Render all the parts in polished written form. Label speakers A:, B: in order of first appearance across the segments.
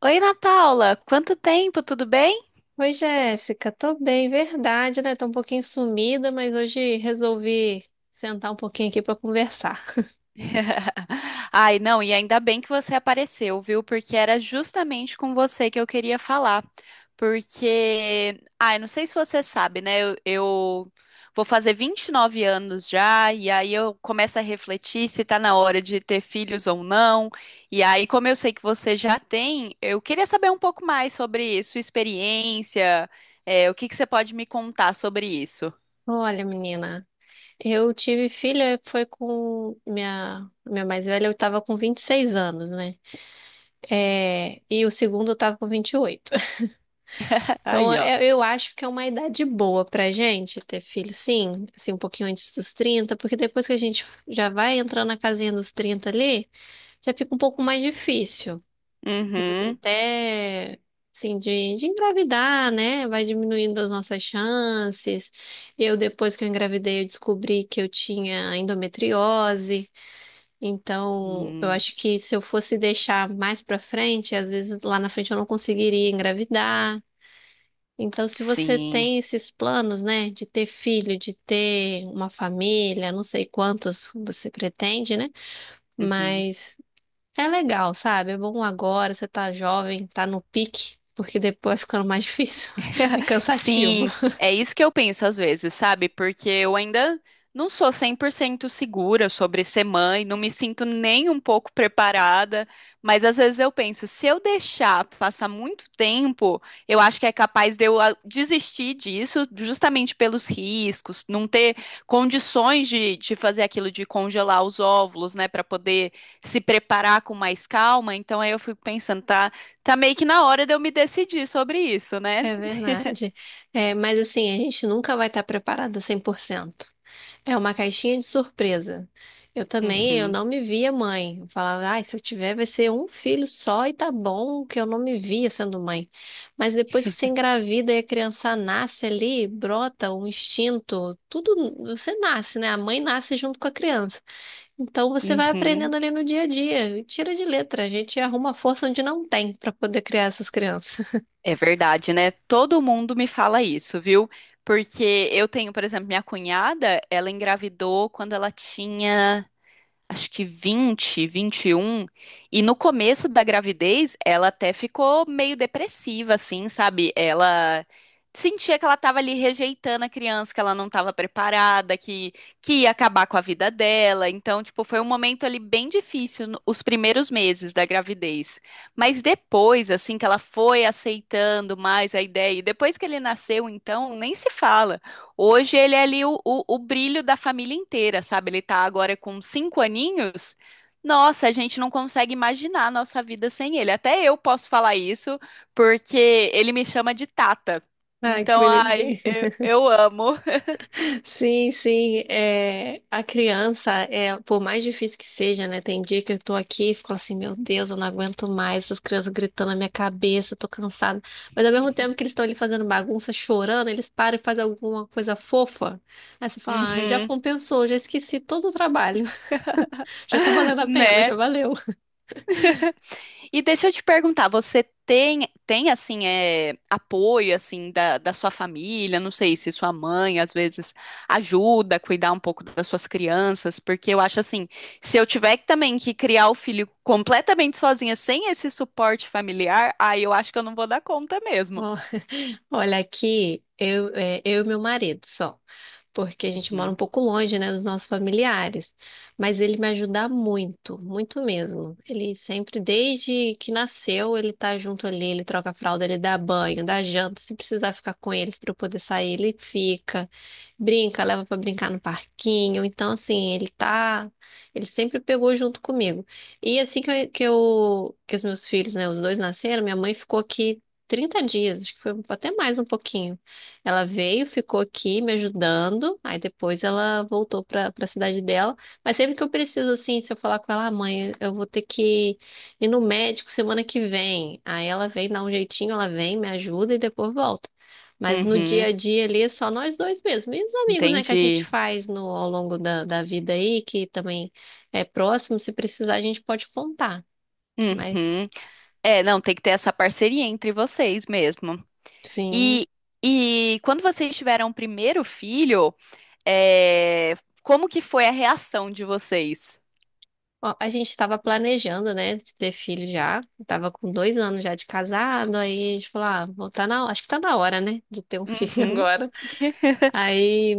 A: Oi, Ana Paula, quanto tempo, tudo bem?
B: Oi, Jéssica, tô bem, verdade, né? Tô um pouquinho sumida, mas hoje resolvi sentar um pouquinho aqui pra conversar.
A: Ai, não, e ainda bem que você apareceu, viu? Porque era justamente com você que eu queria falar. Porque, ai, não sei se você sabe, né? Eu vou fazer 29 anos já, e aí eu começo a refletir se tá na hora de ter filhos ou não. E aí, como eu sei que você já tem, eu queria saber um pouco mais sobre sua experiência, o que que você pode me contar sobre isso?
B: Olha, menina, eu tive filha, foi com minha mais velha, eu tava com 26 anos, né? É, e o segundo eu tava com 28. Então,
A: Aí, ó.
B: eu acho que é uma idade boa pra gente ter filho, sim, assim, um pouquinho antes dos 30, porque depois que a gente já vai entrando na casinha dos 30 ali, já fica um pouco mais difícil,
A: Uhum.
B: até assim de engravidar, né? Vai diminuindo as nossas chances. Eu depois que eu engravidei, eu descobri que eu tinha endometriose. Então, eu
A: Hum,
B: acho que se eu fosse deixar mais pra frente, às vezes lá na frente eu não conseguiria engravidar. Então, se você
A: sim.
B: tem esses planos, né, de ter filho, de ter uma família, não sei quantos você pretende, né?
A: Uhum.
B: Mas é legal, sabe? É bom agora, você tá jovem, tá no pique, porque depois vai ficando mais difícil. É cansativo.
A: Sim, é isso que eu penso às vezes, sabe? Porque eu ainda não sou 100% segura sobre ser mãe, não me sinto nem um pouco preparada, mas às vezes eu penso, se eu deixar passar muito tempo, eu acho que é capaz de eu desistir disso, justamente pelos riscos, não ter condições de fazer aquilo de congelar os óvulos, né, para poder se preparar com mais calma. Então aí eu fico pensando, tá, tá meio que na hora de eu me decidir sobre isso, né?
B: É verdade. É, mas assim, a gente nunca vai estar preparada 100%. É uma caixinha de surpresa. Eu também, eu
A: Uhum,
B: não me via mãe. Eu falava, ai, se eu tiver, vai ser um filho só e tá bom, que eu não me via sendo mãe. Mas depois que você engravida e a criança nasce ali, brota um instinto, tudo, você nasce, né? A mãe nasce junto com a criança. Então você vai
A: uhum.
B: aprendendo ali no dia a dia. E tira de letra, a gente arruma força onde não tem para poder criar essas crianças.
A: É verdade, né? Todo mundo me fala isso, viu? Porque eu tenho, por exemplo, minha cunhada, ela engravidou quando ela tinha acho que 20, 21, e um, e no começo da gravidez ela até ficou meio depressiva, assim, sabe? Ela sentia que ela estava ali rejeitando a criança, que ela não estava preparada, que ia acabar com a vida dela. Então, tipo, foi um momento ali bem difícil, os primeiros meses da gravidez. Mas depois, assim, que ela foi aceitando mais a ideia, e depois que ele nasceu, então, nem se fala. Hoje ele é ali o brilho da família inteira, sabe? Ele tá agora com 5 aninhos. Nossa, a gente não consegue imaginar a nossa vida sem ele. Até eu posso falar isso, porque ele me chama de Tata.
B: Ai, que
A: Então, ai,
B: bonitinho.
A: eu, eu amo.
B: Sim, sim. É, a criança, é, por mais difícil que seja, né? Tem dia que eu tô aqui e fico assim, meu Deus, eu não aguento mais essas crianças gritando na minha cabeça, eu tô cansada. Mas ao mesmo tempo que eles estão ali fazendo bagunça, chorando, eles param e fazem alguma coisa fofa. Aí você fala, ai, já
A: Uhum,
B: compensou, já esqueci todo o trabalho. Já tá valendo a pena, já
A: né?
B: valeu.
A: E deixa eu te perguntar, você tem assim, apoio, assim, da sua família? Não sei se sua mãe, às vezes, ajuda a cuidar um pouco das suas crianças, porque eu acho assim, se eu tiver também que criar o filho completamente sozinha, sem esse suporte familiar, aí eu acho que eu não vou dar conta mesmo.
B: Olha, aqui eu e meu marido só, porque a gente mora um
A: Uhum,
B: pouco longe, né, dos nossos familiares. Mas ele me ajuda muito, muito mesmo. Ele sempre, desde que nasceu, ele tá junto ali, ele troca a fralda, ele dá banho, dá janta. Se precisar ficar com eles para eu poder sair, ele fica. Brinca, leva para brincar no parquinho. Então, assim, ele tá, ele sempre pegou junto comigo. E assim que eu, que os meus filhos, né, os dois nasceram, minha mãe ficou aqui 30 dias, acho que foi até mais um pouquinho. Ela veio, ficou aqui me ajudando, aí depois ela voltou para a cidade dela. Mas sempre que eu preciso, assim, se eu falar com ela, ah, mãe, eu vou ter que ir no médico semana que vem. Aí ela vem, dá um jeitinho, ela vem, me ajuda e depois volta. Mas no dia
A: uhum,
B: a dia ali é só nós dois mesmo. E os amigos, né, que a gente
A: entendi.
B: faz no, ao longo da, da vida aí, que também é próximo, se precisar a gente pode contar. Mas
A: Uhum. É, não, tem que ter essa parceria entre vocês mesmo.
B: sim.
A: E, e quando vocês tiveram o primeiro filho, É, como que foi a reação de vocês?
B: Ó, a gente estava planejando, né, de ter filho já. Tava com 2 anos já de casado, aí a gente falou, ah, bom, tá na, acho que tá na hora, né, de ter um filho
A: Uhum.
B: agora. Aí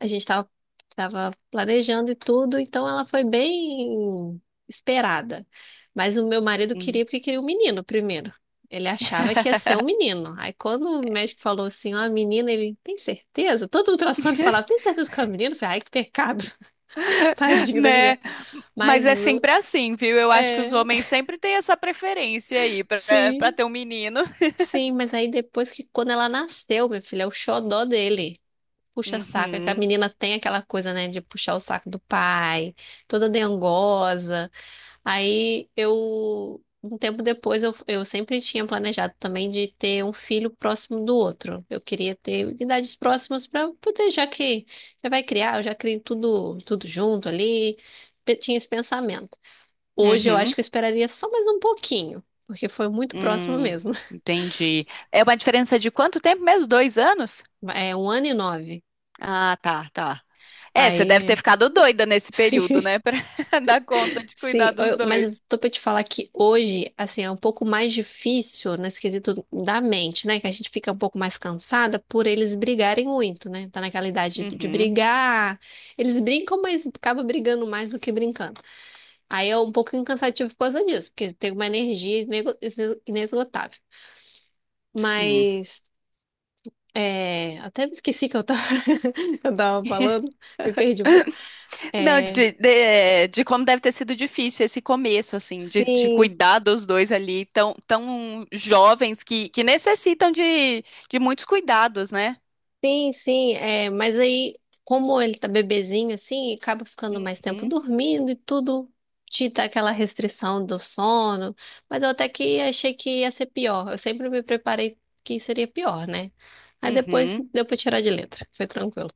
B: a gente tava, tava planejando e tudo, então ela foi bem esperada. Mas o meu marido
A: Hum.
B: queria porque queria um menino primeiro. Ele achava que ia ser um menino. Aí quando o médico falou assim, ó, menina, ele, tem certeza? Todo ultrassom ele falava, tem certeza que é um menino? Eu falei, ai, que pecado. Tadinho da menina.
A: Né? Mas
B: Mas
A: é sempre assim, viu? Eu acho que os
B: é.
A: homens sempre têm essa preferência aí pra para
B: Sim,
A: ter um menino.
B: sim, mas aí depois que quando ela nasceu, meu filho, é o xodó dele. Puxa saco, é que a
A: Uhum.
B: menina tem aquela coisa, né, de puxar o saco do pai, toda dengosa. Aí eu, um tempo depois, eu sempre tinha planejado também de ter um filho próximo do outro. Eu queria ter idades próximas para poder, já que já vai criar, eu já crio tudo, tudo junto ali. Eu tinha esse pensamento. Hoje eu acho
A: Uhum.
B: que eu esperaria só mais um pouquinho, porque foi muito próximo
A: Hum,
B: mesmo.
A: entendi. É uma diferença de quanto tempo mesmo? 2 anos?
B: É um ano e nove.
A: Ah, tá, tá. É, você deve ter
B: Aí.
A: ficado doida nesse período, né? Pra dar conta de
B: Sim,
A: cuidar dos
B: mas eu
A: dois.
B: tô pra te falar que hoje, assim, é um pouco mais difícil nesse quesito da mente, né? Que a gente fica um pouco mais cansada por eles brigarem muito, né? Tá naquela idade de
A: Uhum.
B: brigar. Eles brincam, mas acaba brigando mais do que brincando. Aí é um pouco cansativo por causa disso, porque tem uma energia inesgotável.
A: Sim.
B: Mas. É, até me esqueci que eu tava, eu tava falando, me perdi um pouco.
A: Não,
B: É,
A: de como deve ter sido difícil esse começo, assim, de
B: sim.
A: cuidar dos dois ali, tão, tão jovens que necessitam de muitos cuidados, né?
B: Sim, sim, é, mas aí, como ele tá bebezinho assim, acaba ficando mais tempo
A: Uhum,
B: dormindo e tudo te dá aquela restrição do sono. Mas eu até que achei que ia ser pior. Eu sempre me preparei que seria pior, né? Aí depois
A: uhum.
B: deu pra tirar de letra, foi tranquilo.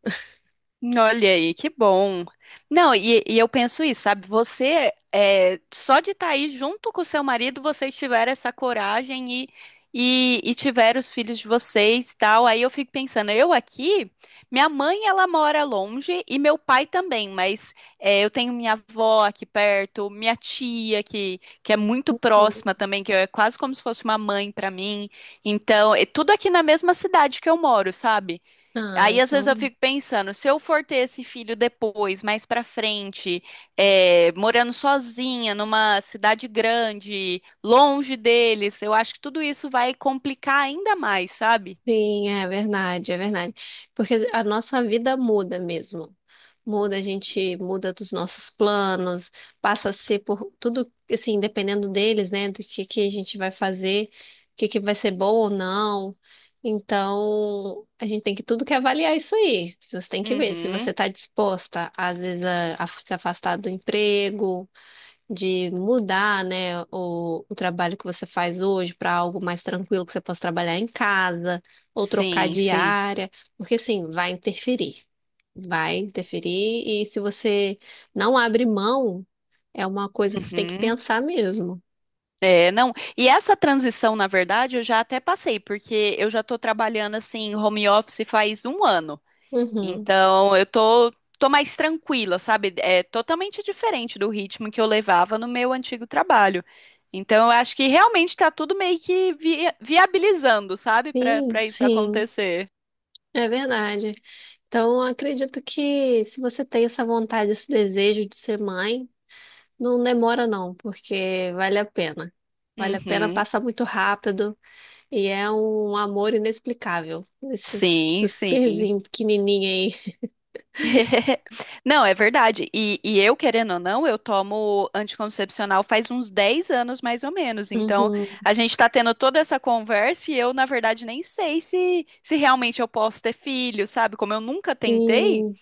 A: Olha aí, que bom. Não, e eu penso isso, sabe? Você, só de estar aí junto com o seu marido, vocês tiveram essa coragem e tiveram os filhos de vocês, tal. Aí eu fico pensando, eu aqui, minha mãe, ela mora longe e meu pai também, mas eu tenho minha avó aqui perto, minha tia que é muito
B: Hum.
A: próxima também, que é quase como se fosse uma mãe para mim. Então, é tudo aqui na mesma cidade que eu moro, sabe?
B: Ah,
A: Aí às vezes eu
B: então.
A: fico pensando, se eu for ter esse filho depois, mais pra frente, morando sozinha numa cidade grande, longe deles, eu acho que tudo isso vai complicar ainda mais, sabe?
B: Sim, é verdade, é verdade. Porque a nossa vida muda mesmo. Muda, a gente muda dos nossos planos, passa a ser por tudo, assim, dependendo deles, né, do que a gente vai fazer, o que que vai ser bom ou não. Então, a gente tem que tudo que avaliar é isso aí. Você tem que ver se você
A: Uhum.
B: está disposta, às vezes, a se afastar do emprego, de mudar, né, o trabalho que você faz hoje para algo mais tranquilo que você possa trabalhar em casa ou trocar
A: Sim,
B: de
A: sim.
B: área, porque assim, vai interferir e se você não abre mão, é uma coisa que você tem que
A: Uhum.
B: pensar mesmo.
A: É, não. E essa transição, na verdade, eu já até passei, porque eu já tô trabalhando assim, home office faz um ano.
B: Uhum.
A: Então, eu tô mais tranquila, sabe? É totalmente diferente do ritmo que eu levava no meu antigo trabalho. Então, eu acho que realmente tá tudo meio que viabilizando, sabe? Para
B: Sim,
A: para isso
B: sim.
A: acontecer.
B: É verdade. Então, eu acredito que se você tem essa vontade, esse desejo de ser mãe, não demora não, porque vale a pena. Vale a pena
A: Uhum.
B: passar muito rápido. E é um amor inexplicável, esse,
A: Sim,
B: esse
A: sim.
B: serzinho pequenininho aí.
A: Não, é verdade. E eu, querendo ou não, eu tomo anticoncepcional faz uns 10 anos, mais ou menos. Então,
B: Uhum,
A: a gente está tendo toda essa conversa e eu, na verdade, nem sei se realmente eu posso ter filho, sabe? Como eu nunca tentei,
B: sim.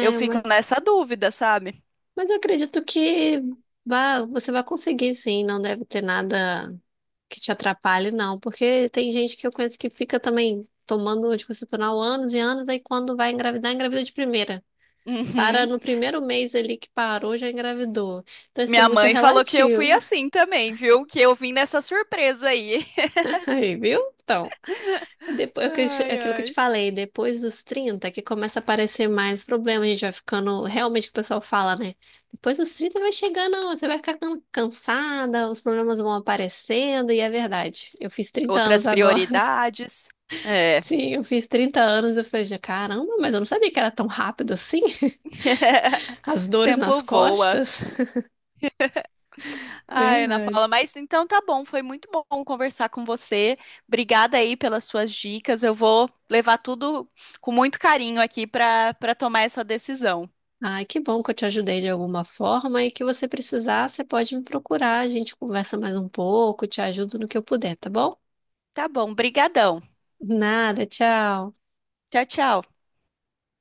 A: eu
B: mas,
A: fico nessa dúvida, sabe?
B: mas eu acredito que vá, você vai conseguir sim, não deve ter nada que te atrapalhe, não. Porque tem gente que eu conheço que fica também tomando anticoncepcional anos e anos, aí quando vai engravidar, engravida de primeira. Para
A: Uhum.
B: no primeiro mês ali que parou, já engravidou. Então isso é
A: Minha
B: muito
A: mãe falou que eu fui
B: relativo.
A: assim também, viu? Que eu vim nessa surpresa aí.
B: Aí, viu? Então. Depois, é o que eu te-
A: Ai,
B: é aquilo que eu te
A: ai.
B: falei, depois dos 30 que começa a aparecer mais problema, a gente vai ficando, realmente o que o pessoal fala, né? Depois dos 30 vai chegando, você vai ficar cansada, os problemas vão aparecendo, e é verdade. Eu fiz 30 anos
A: Outras
B: agora.
A: prioridades. É.
B: Sim, eu fiz 30 anos, eu falei, "Já, caramba, mas eu não sabia que era tão rápido assim." As dores nas
A: Tempo voa.
B: costas.
A: Ai, Ana
B: Verdade.
A: Paula, mas então tá bom, foi muito bom conversar com você. Obrigada aí pelas suas dicas. Eu vou levar tudo com muito carinho aqui para tomar essa decisão.
B: Ai, que bom que eu te ajudei de alguma forma e que você precisar, você pode me procurar, a gente conversa mais um pouco, te ajudo no que eu puder, tá bom?
A: Tá bom, brigadão.
B: Nada, tchau.
A: Tchau, tchau.